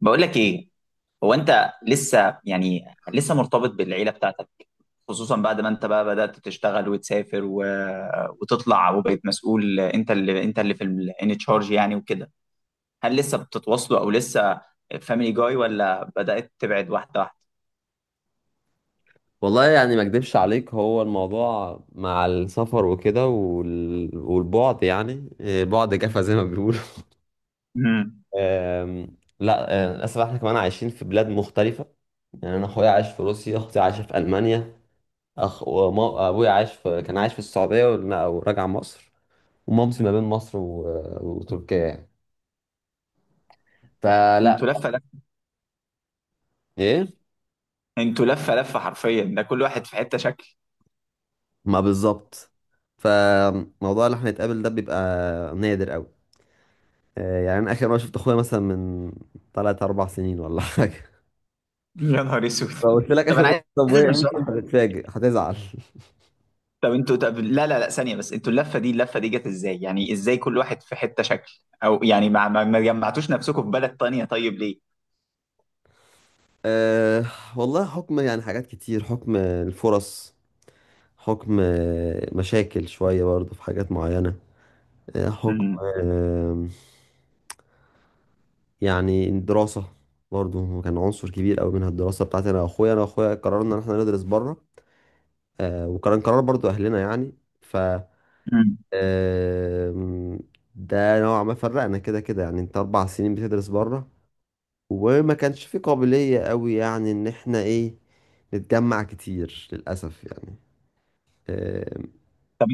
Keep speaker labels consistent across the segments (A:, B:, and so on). A: بقول لك ايه؟ هو انت لسه يعني لسه مرتبط بالعيله بتاعتك؟ خصوصا بعد ما انت بقى بدات تشتغل وتسافر وتطلع، وبقيت مسؤول، انت اللي في ان تشارج يعني وكده. هل لسه بتتواصلوا، او لسه فاميلي جاي، ولا بدات تبعد واحده واحده؟
B: والله يعني ما اكدبش عليك، هو الموضوع مع السفر وكده وال... والبعد يعني بعد جفا زي ما بيقولوا.
A: امم.
B: لا، للاسف احنا كمان عايشين في بلاد مختلفة. يعني انا اخويا عايش في روسيا، اختي عايشة في المانيا. ابويا عايش في كان عايش في السعودية ورجع وراجع مصر. ومامتي ما بين مصر وتركيا يعني. فلا.
A: انتوا لفه لفه
B: ايه.
A: انتوا لفه لفه حرفيا، ده كل واحد في حته شكل.
B: ما بالظبط. فموضوع اللي احنا نتقابل ده بيبقى نادر قوي. يعني انا اخر مره شفت اخويا مثلا من 3 4 سنين ولا حاجه.
A: يا نهار اسود!
B: لو قلت لك
A: طب
B: اخر
A: انا
B: مره
A: عايز
B: شفت ابويا
A: اسال
B: امتى،
A: سؤال.
B: هتتفاجئ، هتزعل.
A: طب لا لا لا، ثانية بس، انتوا اللفة دي جت ازاي؟ يعني ازاي كل واحد في حتة شكل؟ او يعني ما جمعتوش نفسكم في بلد تانية، طيب ليه؟
B: أه. والله، حكم يعني حاجات كتير، حكم الفرص، حكم مشاكل شويه برضه في حاجات معينه. حكم.
A: امم.
B: آه، يعني الدراسه برضه كان عنصر كبير قوي منها، الدراسه بتاعتي انا واخويا قررنا ان احنا ندرس بره. أه، وكان قرار برضه اهلنا يعني. ف
A: امم.
B: آم، ده نوعا ما فرقنا كده كده، يعني انت 4 سنين بتدرس بره، وما كانش في قابلية قوي يعني ان احنا ايه، نتجمع كتير للأسف يعني. آم،
A: طب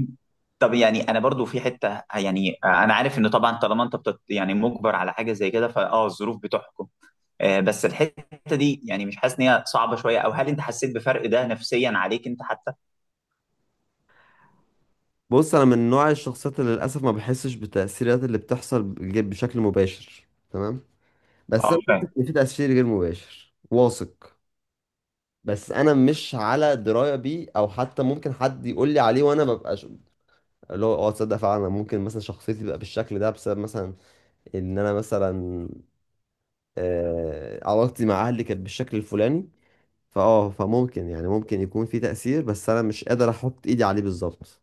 A: طب يعني انا برضو في حتة، يعني انا عارف ان طبعا طالما انت يعني مجبر على حاجة زي كده، فاه الظروف بتحكم. آه، بس الحتة دي يعني مش حاسس ان هي صعبة شوية، او هل انت حسيت بفرق ده نفسيا عليك انت حتى؟
B: بص، انا من نوع الشخصيات اللي للأسف ما بحسش بالتأثيرات اللي بتحصل بشكل مباشر، تمام. بس
A: اه،
B: انا واثق
A: فاهم.
B: ان في تأثير غير مباشر، واثق. بس انا مش على درايه بيه، او حتى ممكن حد يقول لي عليه وانا ببقى اللي هو تصدق فعلا، أنا ممكن مثلا شخصيتي تبقى بالشكل ده بسبب مثلا ان انا مثلا علاقتي مع اهلي كانت بالشكل الفلاني. فممكن يعني، ممكن يكون في تأثير، بس انا مش قادر احط ايدي عليه بالظبط.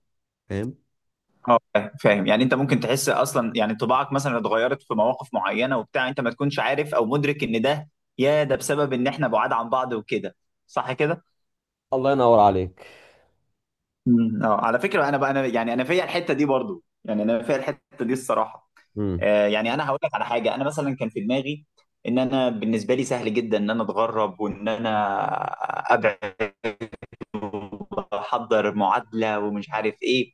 B: فاهم.
A: اه، فاهم فاهم. يعني انت ممكن تحس اصلا، يعني طباعك مثلا اتغيرت في مواقف معينه وبتاع، انت ما تكونش عارف او مدرك ان ده، يا ده، بسبب ان احنا بعاد عن بعض وكده، صح كده؟
B: الله ينور عليك.
A: امم. اه، على فكره انا بقى، انا يعني انا فيا الحته دي برضو، يعني انا فيا الحته دي الصراحه.
B: امم.
A: آه، يعني انا هقول لك على حاجه. انا مثلا كان في دماغي ان انا بالنسبه لي سهل جدا ان انا اتغرب، وان انا ابعد واحضر معادله ومش عارف ايه.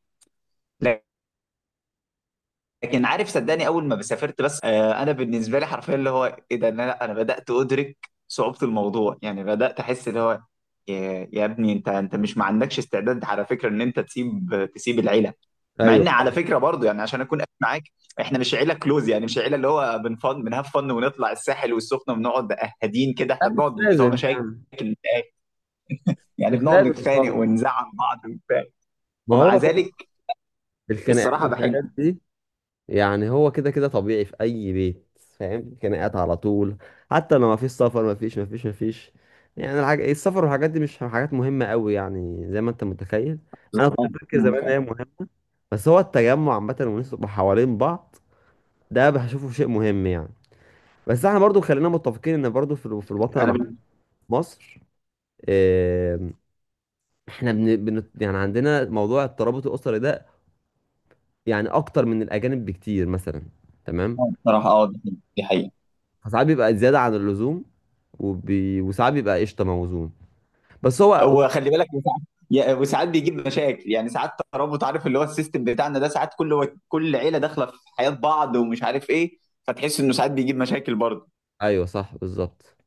A: لكن عارف، صدقني، اول ما سافرت بس، انا بالنسبه لي حرفيا اللي هو ايه ده، إن انا، لا، انا بدات ادرك صعوبه الموضوع، يعني بدات احس اللي هو يا ابني، انت مش ما عندكش استعداد على فكره ان انت تسيب العيله. مع
B: ايوه.
A: ان على فكره برضو، يعني عشان اكون قايل معاك، احنا مش عيله كلوز، يعني مش عيله اللي هو بنفن بنهاف فن ونطلع الساحل والسخنه ونقعد قاعدين كده،
B: لا،
A: احنا بنقعد
B: مش
A: بتوع
B: لازم
A: مشاكل،
B: يعني.
A: يعني
B: مش
A: بنقعد
B: لازم
A: نتخانق
B: خالص.
A: ونزعل بعض وبتاع،
B: ما
A: ومع
B: هو برضه
A: ذلك
B: الخناقات
A: الصراحه بحب.
B: والحاجات دي، يعني هو كده كده طبيعي في اي بيت، فاهم؟ خناقات على طول، حتى لو ما فيش سفر، ما فيش، ما فيش، ما فيش. يعني الحاجة السفر والحاجات دي مش حاجات مهمة قوي يعني، زي ما انت متخيل. انا كنت
A: آه،
B: فاكر
A: أمم،
B: زمان ان
A: فاهم.
B: هي مهمة. بس هو التجمع عامة والناس تبقى حوالين بعض، ده بشوفه شيء مهم يعني. بس احنا برضو خلينا متفقين ان برضو في في الوطن
A: انا
B: مصر. آم، احنا بن بن يعني عندنا موضوع الترابط الاسري ده، يعني اكتر من الاجانب بكتير مثلا. تمام.
A: بصراحة اه دي حقيقة دي حقيقة.
B: فساعات بيبقى زيادة عن اللزوم، وساعات بيبقى قشطة، موزون. بس هو.
A: وخلي بالك، وساعات، وساعات بيجيب مشاكل، يعني ساعات ترابط، عارف اللي هو السيستم بتاعنا ده، ساعات كل عيلة داخلة في حياة بعض ومش عارف ايه، فتحس انه ساعات بيجيب مشاكل برضه.
B: ايوه صح بالظبط.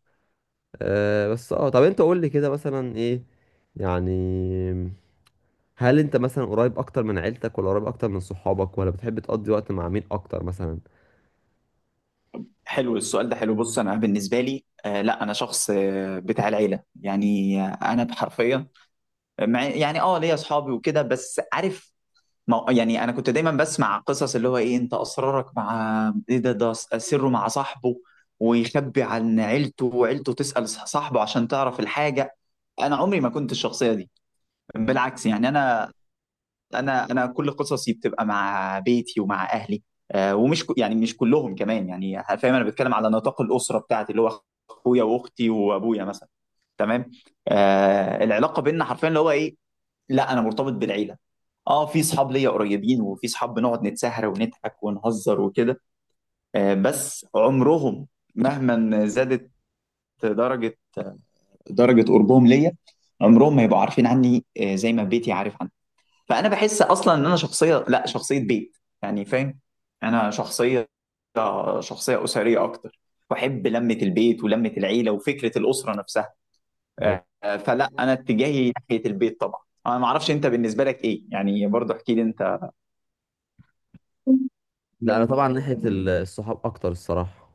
B: بس طب انت قول لي كده مثلا، ايه يعني، هل انت مثلا قريب اكتر من عيلتك ولا قريب اكتر من صحابك، ولا بتحب تقضي وقت مع مين اكتر مثلا؟
A: حلو السؤال ده، حلو. بص انا بالنسبة لي، آه لا، انا شخص، آه، بتاع العيلة يعني، آه، انا بحرفية مع، يعني اه، ليا اصحابي وكده، بس عارف، ما هو- يعني انا كنت دايما بسمع قصص اللي هو ايه، انت اسرارك مع ايه، ده سره مع صاحبه، ويخبي عن عيلته وعيلته تسأل صاحبه عشان تعرف الحاجة. انا عمري ما كنت الشخصية دي، بالعكس يعني انا، انا كل قصصي بتبقى مع بيتي ومع اهلي. آه، ومش يعني مش كلهم كمان، يعني فاهم، انا بتكلم على نطاق الأسرة بتاعتي، اللي هو اخويا واختي وابويا مثلا. تمام. آه، العلاقة بيننا حرفيا اللي هو ايه، لا انا مرتبط بالعيله. اه، في صحاب ليا قريبين، وفي صحاب بنقعد نتسهر ونضحك ونهزر وكده، آه بس عمرهم، مهما زادت درجه درجه قربهم ليا، عمرهم ما يبقوا عارفين عني آه زي ما بيتي عارف عني. فانا بحس اصلا ان انا شخصيه، لا، شخصيه بيت، يعني فاهم. انا شخصيه اسريه اكتر، بحب لمه البيت ولمه العيله وفكره الاسره نفسها.
B: طيب.
A: فلا انا اتجاهي ناحيه البيت طبعا. انا ما اعرفش انت بالنسبه لك ايه، يعني برضه احكي لي انت.
B: لا انا طبعا ناحية الصحاب اكتر الصراحة،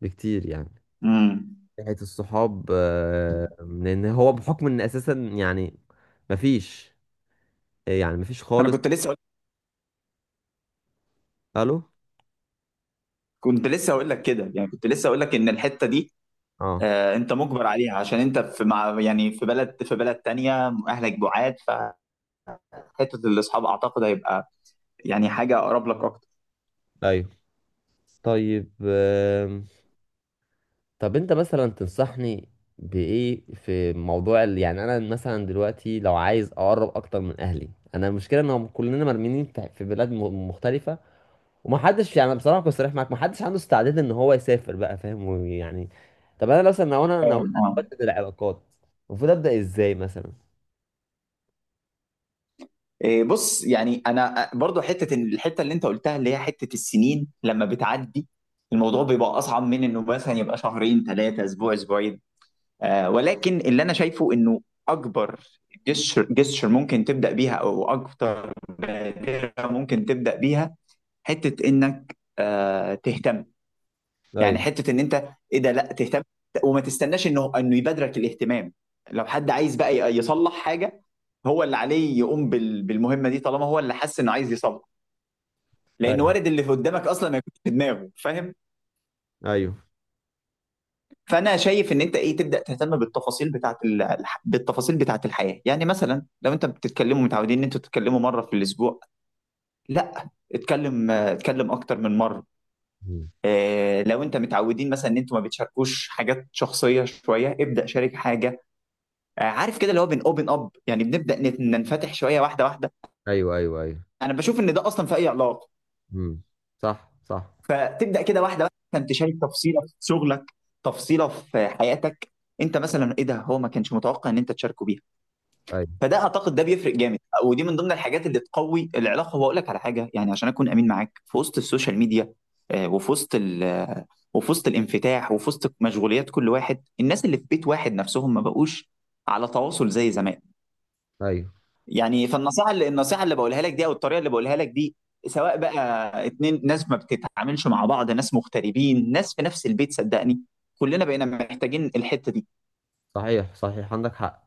B: بكتير يعني.
A: امم.
B: ناحية الصحاب، لان هو بحكم ان اساسا يعني مفيش، يعني مفيش
A: انا
B: خالص.
A: كنت لسه أقول-
B: الو.
A: كنت لسه هقول لك كده، يعني كنت لسه هقول لك ان الحته دي،
B: اه.
A: آه، انت مجبر عليها عشان انت في مع يعني في بلد تانية، اهلك بعاد. فحته الاصحاب اعتقد هيبقى يعني حاجه اقرب لك اكتر.
B: ايوه، طيب. طب انت مثلا تنصحني بايه في موضوع يعني انا مثلا دلوقتي لو عايز اقرب اكتر من اهلي. انا المشكله ان هم كلنا مرميين في في بلاد مختلفه. ومحدش يعني، بصراحه كنت صريح معاك، محدش عنده استعداد ان هو يسافر بقى، فاهم؟ ويعني طب انا مثلا لو انا نويت
A: فاهم اه.
B: ابدل العلاقات، المفروض ابدا ازاي مثلا؟
A: إيه، بص يعني انا، برضو حته الحته اللي انت قلتها اللي هي حته السنين لما بتعدي، الموضوع بيبقى اصعب من انه مثلا يبقى شهرين ثلاثه اسبوع اسبوعين. آه، ولكن اللي انا شايفه انه اكبر جسر ممكن تبدا بيها، او اكتر بادره ممكن تبدا بيها، حته انك تهتم. يعني
B: ايوه
A: حته ان انت، ايه ده، لا تهتم، وما تستناش انه يبادرك الاهتمام. لو حد عايز بقى يصلح حاجه، هو اللي عليه يقوم بالمهمه دي، طالما هو اللي حس انه عايز يصلح. لان
B: ايوه
A: وارد اللي في قدامك اصلا ما يكونش في دماغه، فاهم.
B: ايوه.
A: فانا شايف ان انت ايه، تبدا تهتم بالتفاصيل بتاعه الحياه. يعني مثلا لو انت بتتكلموا متعودين ان انتوا تتكلموا مره في الاسبوع، لا، اتكلم اكتر من مره.
B: مم.
A: آه، لو انت متعودين مثلا ان انتوا ما بتشاركوش حاجات شخصيه شويه، ابدا شارك حاجه. آه، عارف كده اللي هو بن اوبن اب، يعني بنبدا ننفتح شويه واحده واحده.
B: ايوه ايوه ايوه.
A: انا بشوف ان ده اصلا في اي علاقه.
B: مم. صح صح.
A: فتبدا كده واحده واحده، انت تشارك تفصيله في شغلك، تفصيله في حياتك، انت مثلا ايه ده هو ما كانش متوقع ان انت تشاركه بيها.
B: ايوه
A: فده اعتقد ده بيفرق جامد، ودي من ضمن الحاجات اللي تقوي العلاقه. واقول لك على حاجه، يعني عشان اكون امين معاك، في وسط السوشيال ميديا، آه، وفي وسط وفي وسط الانفتاح، وفي وسط مشغوليات كل واحد، الناس اللي في بيت واحد نفسهم ما بقوش على تواصل زي زمان.
B: ايوه.
A: يعني فالنصيحه اللي بقولها لك دي، او الطريقه اللي بقولها لك دي، سواء بقى اتنين ناس ما بتتعاملش مع بعض، ناس مغتربين، ناس في نفس البيت، صدقني كلنا بقينا محتاجين الحته دي.
B: صحيح صحيح، عندك حق.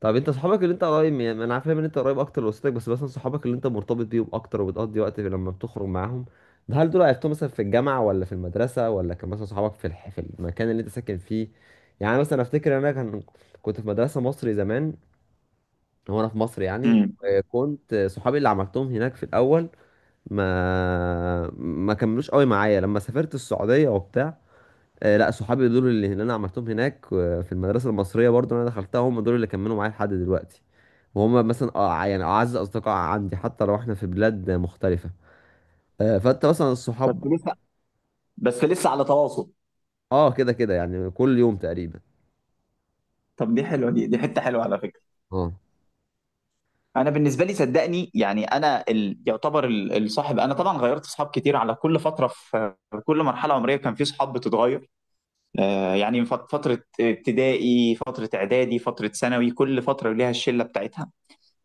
B: طب انت صحابك اللي انت قريب من، ما انا عارف ان انت قريب اكتر لوسطك، بس مثلا صحابك اللي انت مرتبط بيهم اكتر وبتقضي وقت لما بتخرج معاهم، ده هل دول عرفتهم مثلا في الجامعه ولا في المدرسه، ولا كان مثلا صحابك في في المكان اللي انت ساكن فيه؟ يعني مثلا افتكر انا كنت في مدرسه مصري زمان، هو انا في مصر يعني.
A: امم.
B: كنت صحابي اللي عملتهم هناك في الاول ما كملوش قوي معايا لما سافرت السعوديه وبتاع. لا، صحابي دول اللي انا عملتهم هناك، في المدرسه المصريه برضو اللي انا دخلتها، هم دول اللي كملوا معايا لحد دلوقتي. وهم مثلا يعني اعز اصدقاء عندي، حتى لو احنا في بلاد مختلفه. فانت مثلا
A: بس
B: الصحاب.
A: لسه بس لسه على تواصل.
B: اه، كده كده يعني، كل يوم تقريبا.
A: طب دي حلوه، دي حته حلوه على فكره.
B: اه.
A: انا بالنسبه لي صدقني، يعني انا يعتبر الصاحب، انا طبعا غيرت صحاب كتير، على كل فتره، في كل مرحله عمريه كان في صحاب بتتغير. آه، يعني من فتره ابتدائي، فتره اعدادي، فتره ثانوي، كل فتره ليها الشله بتاعتها.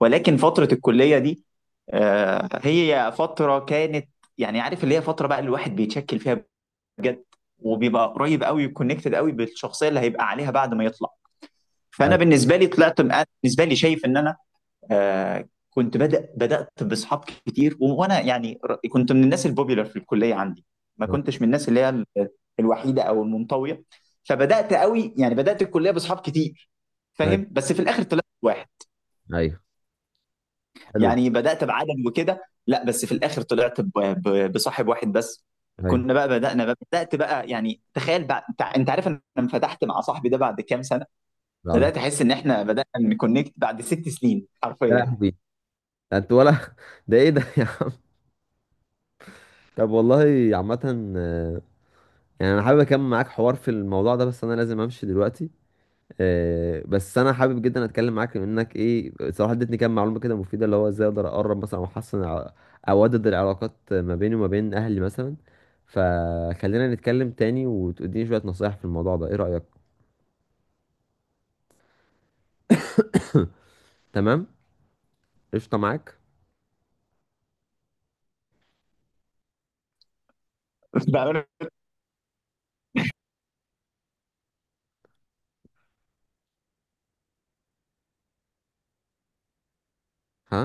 A: ولكن فتره الكليه دي، آه، هي فتره كانت، يعني عارف اللي هي فتره بقى الواحد بيتشكل فيها بجد، وبيبقى قريب قوي، كونكتد قوي بالشخصيه اللي هيبقى عليها بعد ما يطلع. فانا
B: ايوه
A: بالنسبه لي طلعت، أنا بالنسبه لي شايف ان انا، آه، كنت بدأت بأصحاب كتير، وأنا يعني كنت من الناس البوبيلر في الكلية عندي، ما
B: آه،
A: كنتش من الناس اللي هي الوحيدة أو المنطوية. فبدأت قوي، يعني بدأت الكلية بأصحاب كتير
B: ايوه
A: فاهم، بس في الآخر طلعت واحد.
B: ايوه. حلو ده.
A: يعني بدأت بعدد وكده، لا بس في الآخر طلعت بصاحب واحد بس.
B: ايوه.
A: كنا بقى بدأنا بقى، بدأت بقى يعني، تخيل بقى انت، أنت عارف انا انفتحت مع صاحبي ده بعد كام سنة؟
B: العظيم.
A: بدأت احس ان احنا بدأنا نكونكت بعد 6 سنين
B: يا
A: حرفيا.
B: لهوي. ده انت؟ ولا ده ايه ده يا عم؟ طب والله، عامه يعني انا حابب اكمل معاك حوار في الموضوع ده، بس انا لازم امشي دلوقتي. بس انا حابب جدا اتكلم معاك. منك ايه؟ صراحه ادتني كام معلومه كده مفيده، اللي هو ازاي اقدر اقرب مثلا او احسن او اودد العلاقات ما بيني وما بين اهلي مثلا. فخلينا نتكلم تاني وتديني شويه نصايح في الموضوع ده، ايه رايك؟ تمام، قشطه معاك. ها؟